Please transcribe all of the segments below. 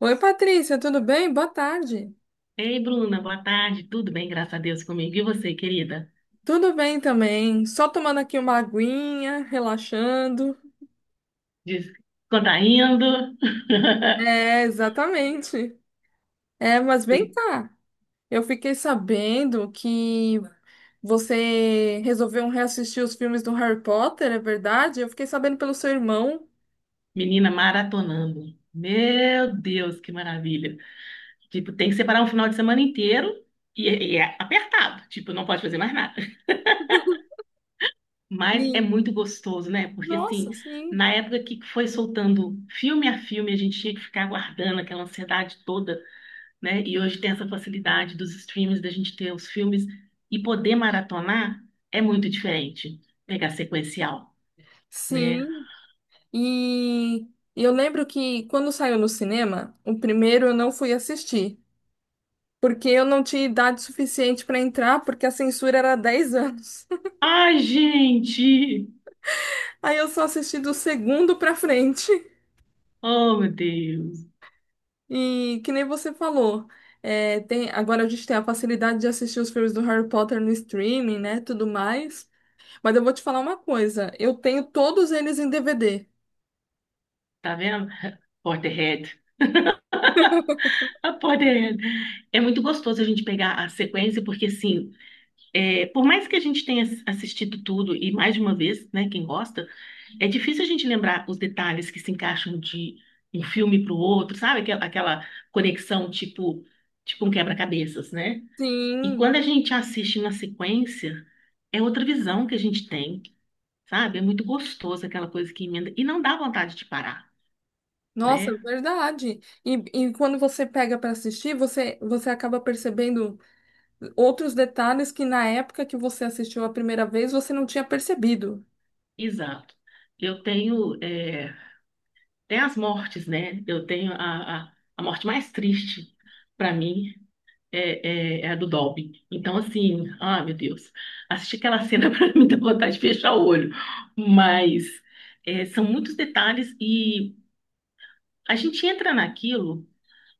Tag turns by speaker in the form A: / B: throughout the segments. A: Oi, Patrícia, tudo bem? Boa tarde.
B: Ei, Bruna, boa tarde. Tudo bem, graças a Deus comigo. E você, querida?
A: Tudo bem também. Só tomando aqui uma aguinha, relaxando.
B: Diz, quando tá indo?
A: É, exatamente. É, mas vem
B: Fui
A: cá. Eu fiquei sabendo que você resolveu reassistir os filmes do Harry Potter, é verdade? Eu fiquei sabendo pelo seu irmão.
B: menina maratonando. Meu Deus, que maravilha. Tipo, tem que separar um final de semana inteiro e, e é apertado. Tipo, não pode fazer mais nada. Mas é
A: E,
B: muito gostoso, né? Porque, assim,
A: nossa, sim.
B: na época que foi soltando filme a filme, a gente tinha que ficar aguardando aquela ansiedade toda, né? E hoje tem essa facilidade dos streams, da gente ter os filmes e poder maratonar é muito diferente. Pegar sequencial, né?
A: Sim. E eu lembro que quando saiu no cinema, o primeiro eu não fui assistir. Porque eu não tinha idade suficiente para entrar, porque a censura era 10 anos.
B: Ai, gente!
A: Aí eu só assisti do segundo para frente.
B: Oh, meu Deus!
A: E que nem você falou, agora a gente tem a facilidade de assistir os filmes do Harry Potter no streaming, né? Tudo mais. Mas eu vou te falar uma coisa: eu tenho todos eles em DVD.
B: Tá vendo? Porterhead. A Porterhead. É muito gostoso a gente pegar a sequência, porque, assim, é, por mais que a gente tenha assistido tudo e mais de uma vez, né? Quem gosta, é difícil a gente lembrar os detalhes que se encaixam de um filme para o outro, sabe? Aquela conexão tipo, tipo um quebra-cabeças, né? E quando
A: Sim.
B: a gente assiste na sequência, é outra visão que a gente tem, sabe? É muito gostoso aquela coisa que emenda e não dá vontade de parar,
A: Nossa, é
B: né?
A: verdade. E quando você pega para assistir, você acaba percebendo outros detalhes que na época que você assistiu a primeira vez você não tinha percebido.
B: Exato. Eu tenho é, até as mortes, né? Eu tenho a morte mais triste para mim é, é, é a do Dobby. Então, assim, ah, meu Deus, assistir aquela cena para mim dá vontade de fechar o olho. Mas é, são muitos detalhes e a gente entra naquilo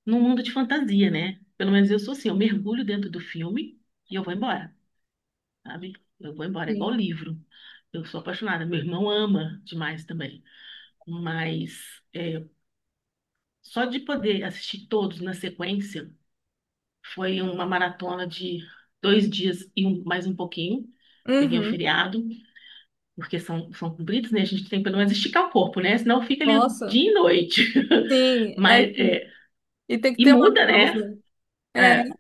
B: num mundo de fantasia, né? Pelo menos eu sou assim, eu mergulho dentro do filme e eu vou embora, sabe? Eu vou embora, é igual
A: Sim.
B: livro. Eu sou apaixonada, meu irmão ama demais também. Mas é, só de poder assistir todos na sequência. Foi uma maratona de dois dias e mais um pouquinho. Peguei o
A: Uhum.
B: feriado, porque são, são compridos, né? A gente tem que pelo menos esticar o corpo, né? Senão fica ali
A: Nossa,
B: dia e noite.
A: sim, é,
B: Mas, é,
A: e tem que
B: e
A: ter uma
B: muda, né?
A: pausa. É,
B: É,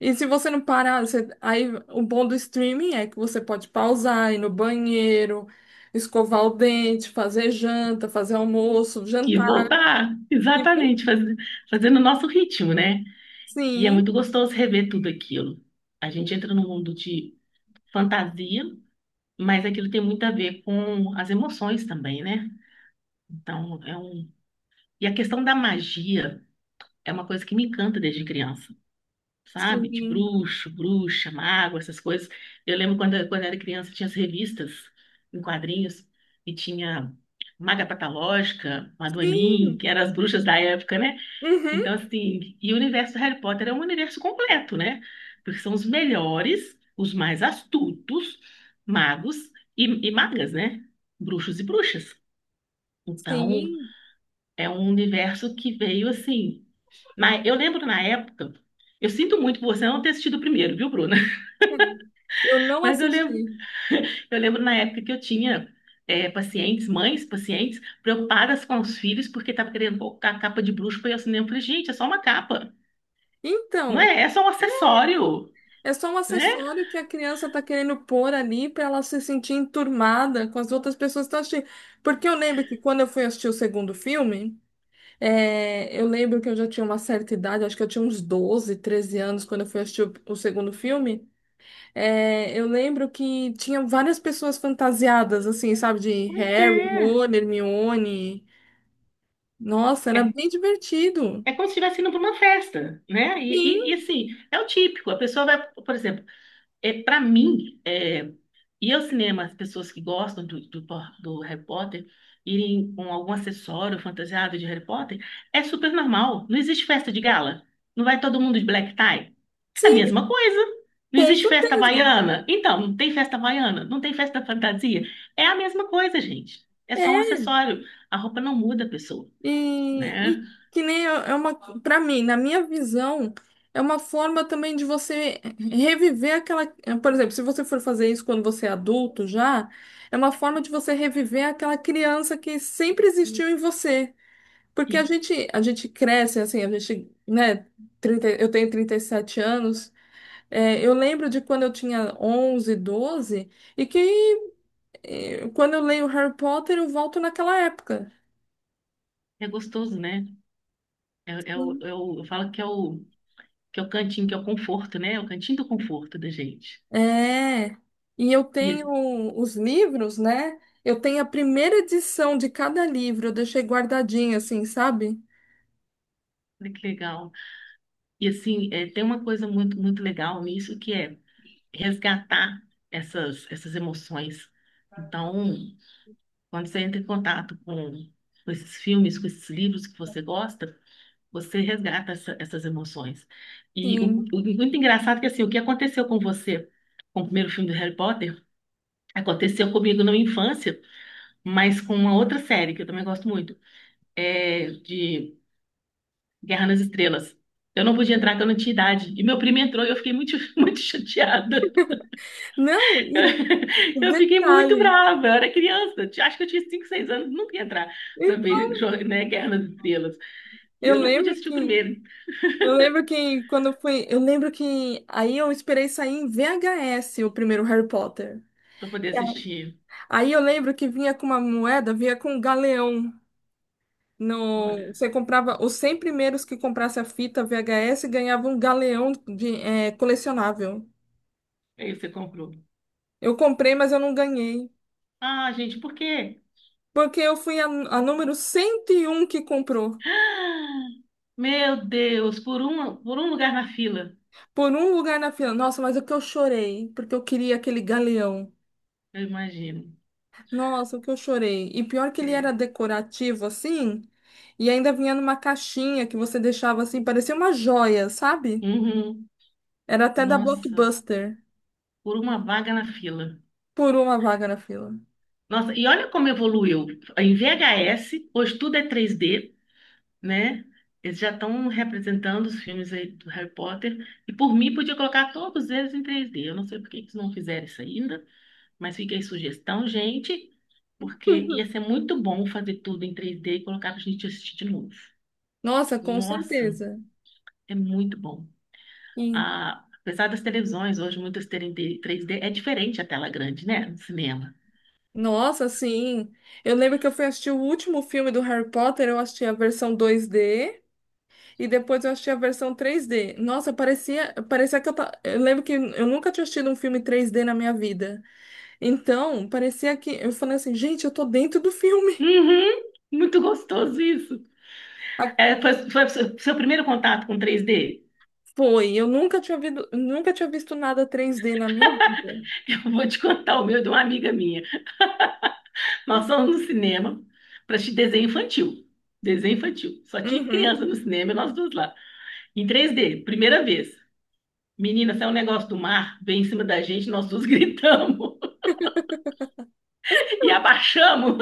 A: e se você não parar, você- aí o bom do streaming é que você pode pausar, ir no banheiro, escovar o dente, fazer janta, fazer almoço,
B: e
A: jantar.
B: voltar,
A: E,
B: exatamente, fazendo o nosso ritmo, né? E é
A: sim,
B: muito gostoso rever tudo aquilo. A gente entra num mundo de fantasia, mas aquilo tem muito a ver com as emoções também, né? Então, é um. E a questão da magia é uma coisa que me encanta desde criança, sabe? De
A: sim,
B: bruxo, bruxa, mago, essas coisas. Eu lembro quando eu era criança, tinha as revistas em quadrinhos e tinha Maga Patológica, Madoemin, que
A: sim,
B: eram as bruxas da época, né?
A: uhum,
B: Então, assim, e o universo do Harry Potter é um universo completo, né? Porque são os melhores, os mais astutos magos e magas, né? Bruxos e bruxas. Então,
A: sim.
B: é um universo que veio assim. Mas eu lembro na época, eu sinto muito por você não ter assistido o primeiro, viu, Bruna?
A: Eu não
B: Mas
A: assisti.
B: eu lembro na época que eu tinha é, pacientes, mães, pacientes, preocupadas com os filhos porque estava querendo colocar a capa de bruxo para ir ao cinema. Eu falei, gente, é só uma capa, não
A: Então.
B: é? É só um acessório,
A: É só um
B: né?
A: acessório que a criança está querendo pôr ali para ela se sentir enturmada com as outras pessoas que estão assistindo. Porque eu lembro que quando eu fui assistir o segundo filme, é, eu lembro que eu já tinha uma certa idade, acho que eu tinha uns 12, 13 anos quando eu fui assistir o segundo filme. É, eu lembro que tinha várias pessoas fantasiadas, assim, sabe, de
B: Pois
A: Harry,
B: é.
A: Ron, Hermione. Nossa, era
B: É,
A: bem divertido.
B: é como se estivesse indo para uma festa, né? E
A: Sim,
B: assim, é o típico. A pessoa vai, por exemplo, é, para mim, é, ir ao cinema, as pessoas que gostam do Harry Potter, irem com algum acessório fantasiado de Harry Potter, é super normal. Não existe festa de gala. Não vai todo mundo de black tie. É a
A: sim,
B: mesma coisa. Não
A: com
B: existe festa
A: certeza.
B: havaiana. Então, não tem festa havaiana, não tem festa fantasia. É a mesma coisa, gente. É só um acessório. A roupa não muda a pessoa,
A: E,
B: né?
A: e que nem para mim, na minha visão, é uma forma também de você reviver aquela. Por exemplo, se você for fazer isso quando você é adulto já, é uma forma de você reviver aquela criança que sempre existiu em você.
B: E
A: Porque a gente cresce assim, a gente, né? 30 Eu tenho 37 anos. Eu lembro de quando eu tinha 11 12 e que quando eu leio Harry Potter, eu volto naquela época.
B: é gostoso, né? É, é o, eu falo que é o cantinho, que é o conforto, né? É o cantinho do conforto da gente.
A: É, e eu tenho
B: E
A: os livros, né? Eu tenho a primeira edição de cada livro, eu deixei guardadinho assim, sabe?
B: olha que legal. E assim, é, tem uma coisa muito, muito legal nisso que é resgatar essas emoções. Então, quando você entra em contato com esses filmes, com esses livros que você gosta, você resgata essas emoções. E o
A: Sim.
B: muito engraçado é que assim, o que aconteceu com você com o primeiro filme do Harry Potter aconteceu comigo na minha infância, mas com uma outra série que eu também gosto muito, é de Guerra nas Estrelas. Eu não podia entrar, que eu não tinha idade. E meu primo entrou e eu fiquei muito, muito chateada.
A: Não, e e
B: Eu fiquei muito
A: detalhe.
B: brava. Eu era criança. Eu acho que eu tinha 5, 6 anos. Nunca ia entrar para
A: Então,
B: ver, né, Guerra nas Estrelas. E
A: eu
B: eu não podia
A: lembro
B: assistir
A: que
B: o primeiro
A: eu lembro que quando eu fui, eu lembro que aí eu esperei sair em VHS o primeiro Harry Potter.
B: para poder assistir.
A: Aí eu lembro que vinha com uma moeda, vinha com um galeão. No,
B: Olha,
A: você comprava os 100 primeiros que comprasse a fita VHS ganhava um galeão de, é, colecionável.
B: aí você comprou.
A: Eu comprei, mas eu não ganhei.
B: Ah, gente, por quê?
A: Porque eu fui a número 101 que comprou.
B: Meu Deus, por um lugar na fila.
A: Por um lugar na fila. Nossa, mas o que eu chorei. Porque eu queria aquele galeão.
B: Eu imagino.
A: Nossa, o que eu chorei. E pior que ele era
B: É.
A: decorativo, assim. E ainda vinha numa caixinha que você deixava assim. Parecia uma joia, sabe?
B: Uhum.
A: Era até da
B: Nossa,
A: Blockbuster.
B: por uma vaga na fila.
A: Por uma vaga na fila.
B: Nossa, e olha como evoluiu. Em VHS, hoje tudo é 3D, né? Eles já estão representando os filmes aí do Harry Potter. E por mim, podia colocar todos eles em 3D. Eu não sei por que que eles não fizeram isso ainda, mas fica aí sugestão, gente, porque ia ser muito bom fazer tudo em 3D e colocar para a gente assistir de novo.
A: Nossa, com
B: Nossa,
A: certeza.
B: é muito bom.
A: Sim.
B: Ah, apesar das televisões hoje muitas terem 3D, é diferente a tela grande, né? No cinema.
A: Nossa, sim. Eu lembro que eu fui assistir o último filme do Harry Potter. Eu assisti a versão 2D. E depois eu achei a versão 3D. Nossa, parecia, parecia que eu tava. Eu lembro que eu nunca tinha assistido um filme 3D na minha vida. Então, parecia que eu falei assim, gente, eu tô dentro do filme.
B: Uhum, muito gostoso isso.
A: Ah,
B: É, foi, foi seu primeiro contato com 3D?
A: foi, eu nunca tinha visto, nunca tinha visto nada 3D na minha vida.
B: Eu vou te contar o meu de uma amiga minha. Nós fomos no cinema para assistir desenho infantil. Desenho infantil. Só tinha
A: Uhum.
B: criança no cinema e nós duas lá. Em 3D, primeira vez. Menina, saiu um negócio do mar, veio em cima da gente, nós duas gritamos e abaixamos.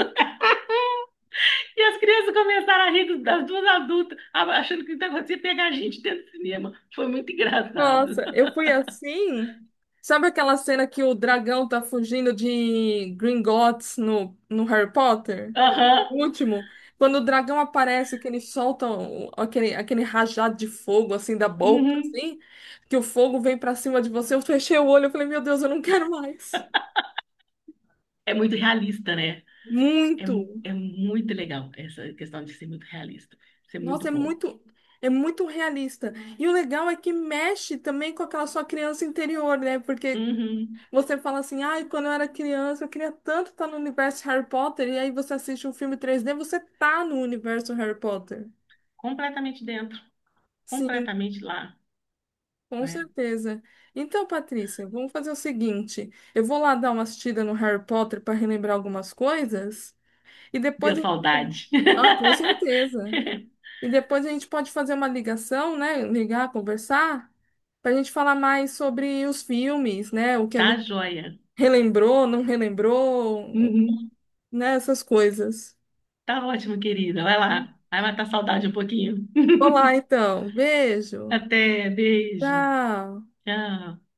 B: E as crianças começaram a rir das duas adultas, achando que o negócio ia pegar a gente dentro do cinema. Foi muito engraçado.
A: Nossa, eu fui assim. Sabe aquela cena que o dragão tá fugindo de Gringotts no, no Harry Potter?
B: Aham,
A: O último, quando o dragão aparece, que eles soltam aquele, aquele rajado de fogo, assim, da boca,
B: uhum.
A: assim, que o fogo vem pra cima de você, eu fechei o olho, eu falei, meu Deus, eu não quero mais.
B: É muito realista, né? É,
A: Muito.
B: é muito legal essa questão de ser muito realista, ser
A: Nossa,
B: muito bom.
A: é muito realista. E o legal é que mexe também com aquela sua criança interior, né? Porque
B: Uhum.
A: você fala assim, ai, quando eu era criança, eu queria tanto estar no universo Harry Potter, e aí você assiste um filme três d você tá no universo Harry Potter.
B: Completamente dentro,
A: Sim.
B: completamente lá,
A: Com
B: né?
A: certeza. Então, Patrícia, vamos fazer o seguinte: eu vou lá dar uma assistida no Harry Potter para relembrar algumas coisas e
B: Deu
A: depois a gente...
B: saudade.
A: Ah, com certeza. E depois a gente pode fazer uma ligação, né? Ligar, conversar, para a gente falar mais sobre os filmes, né? O que a
B: Tá
A: gente
B: joia.
A: relembrou, não relembrou,
B: Uhum.
A: né? Essas coisas.
B: Tá ótimo, querida. Vai lá. Vai matar a saudade um pouquinho.
A: Olá, então. Beijo.
B: Até, beijo.
A: Tchau.
B: Tchau.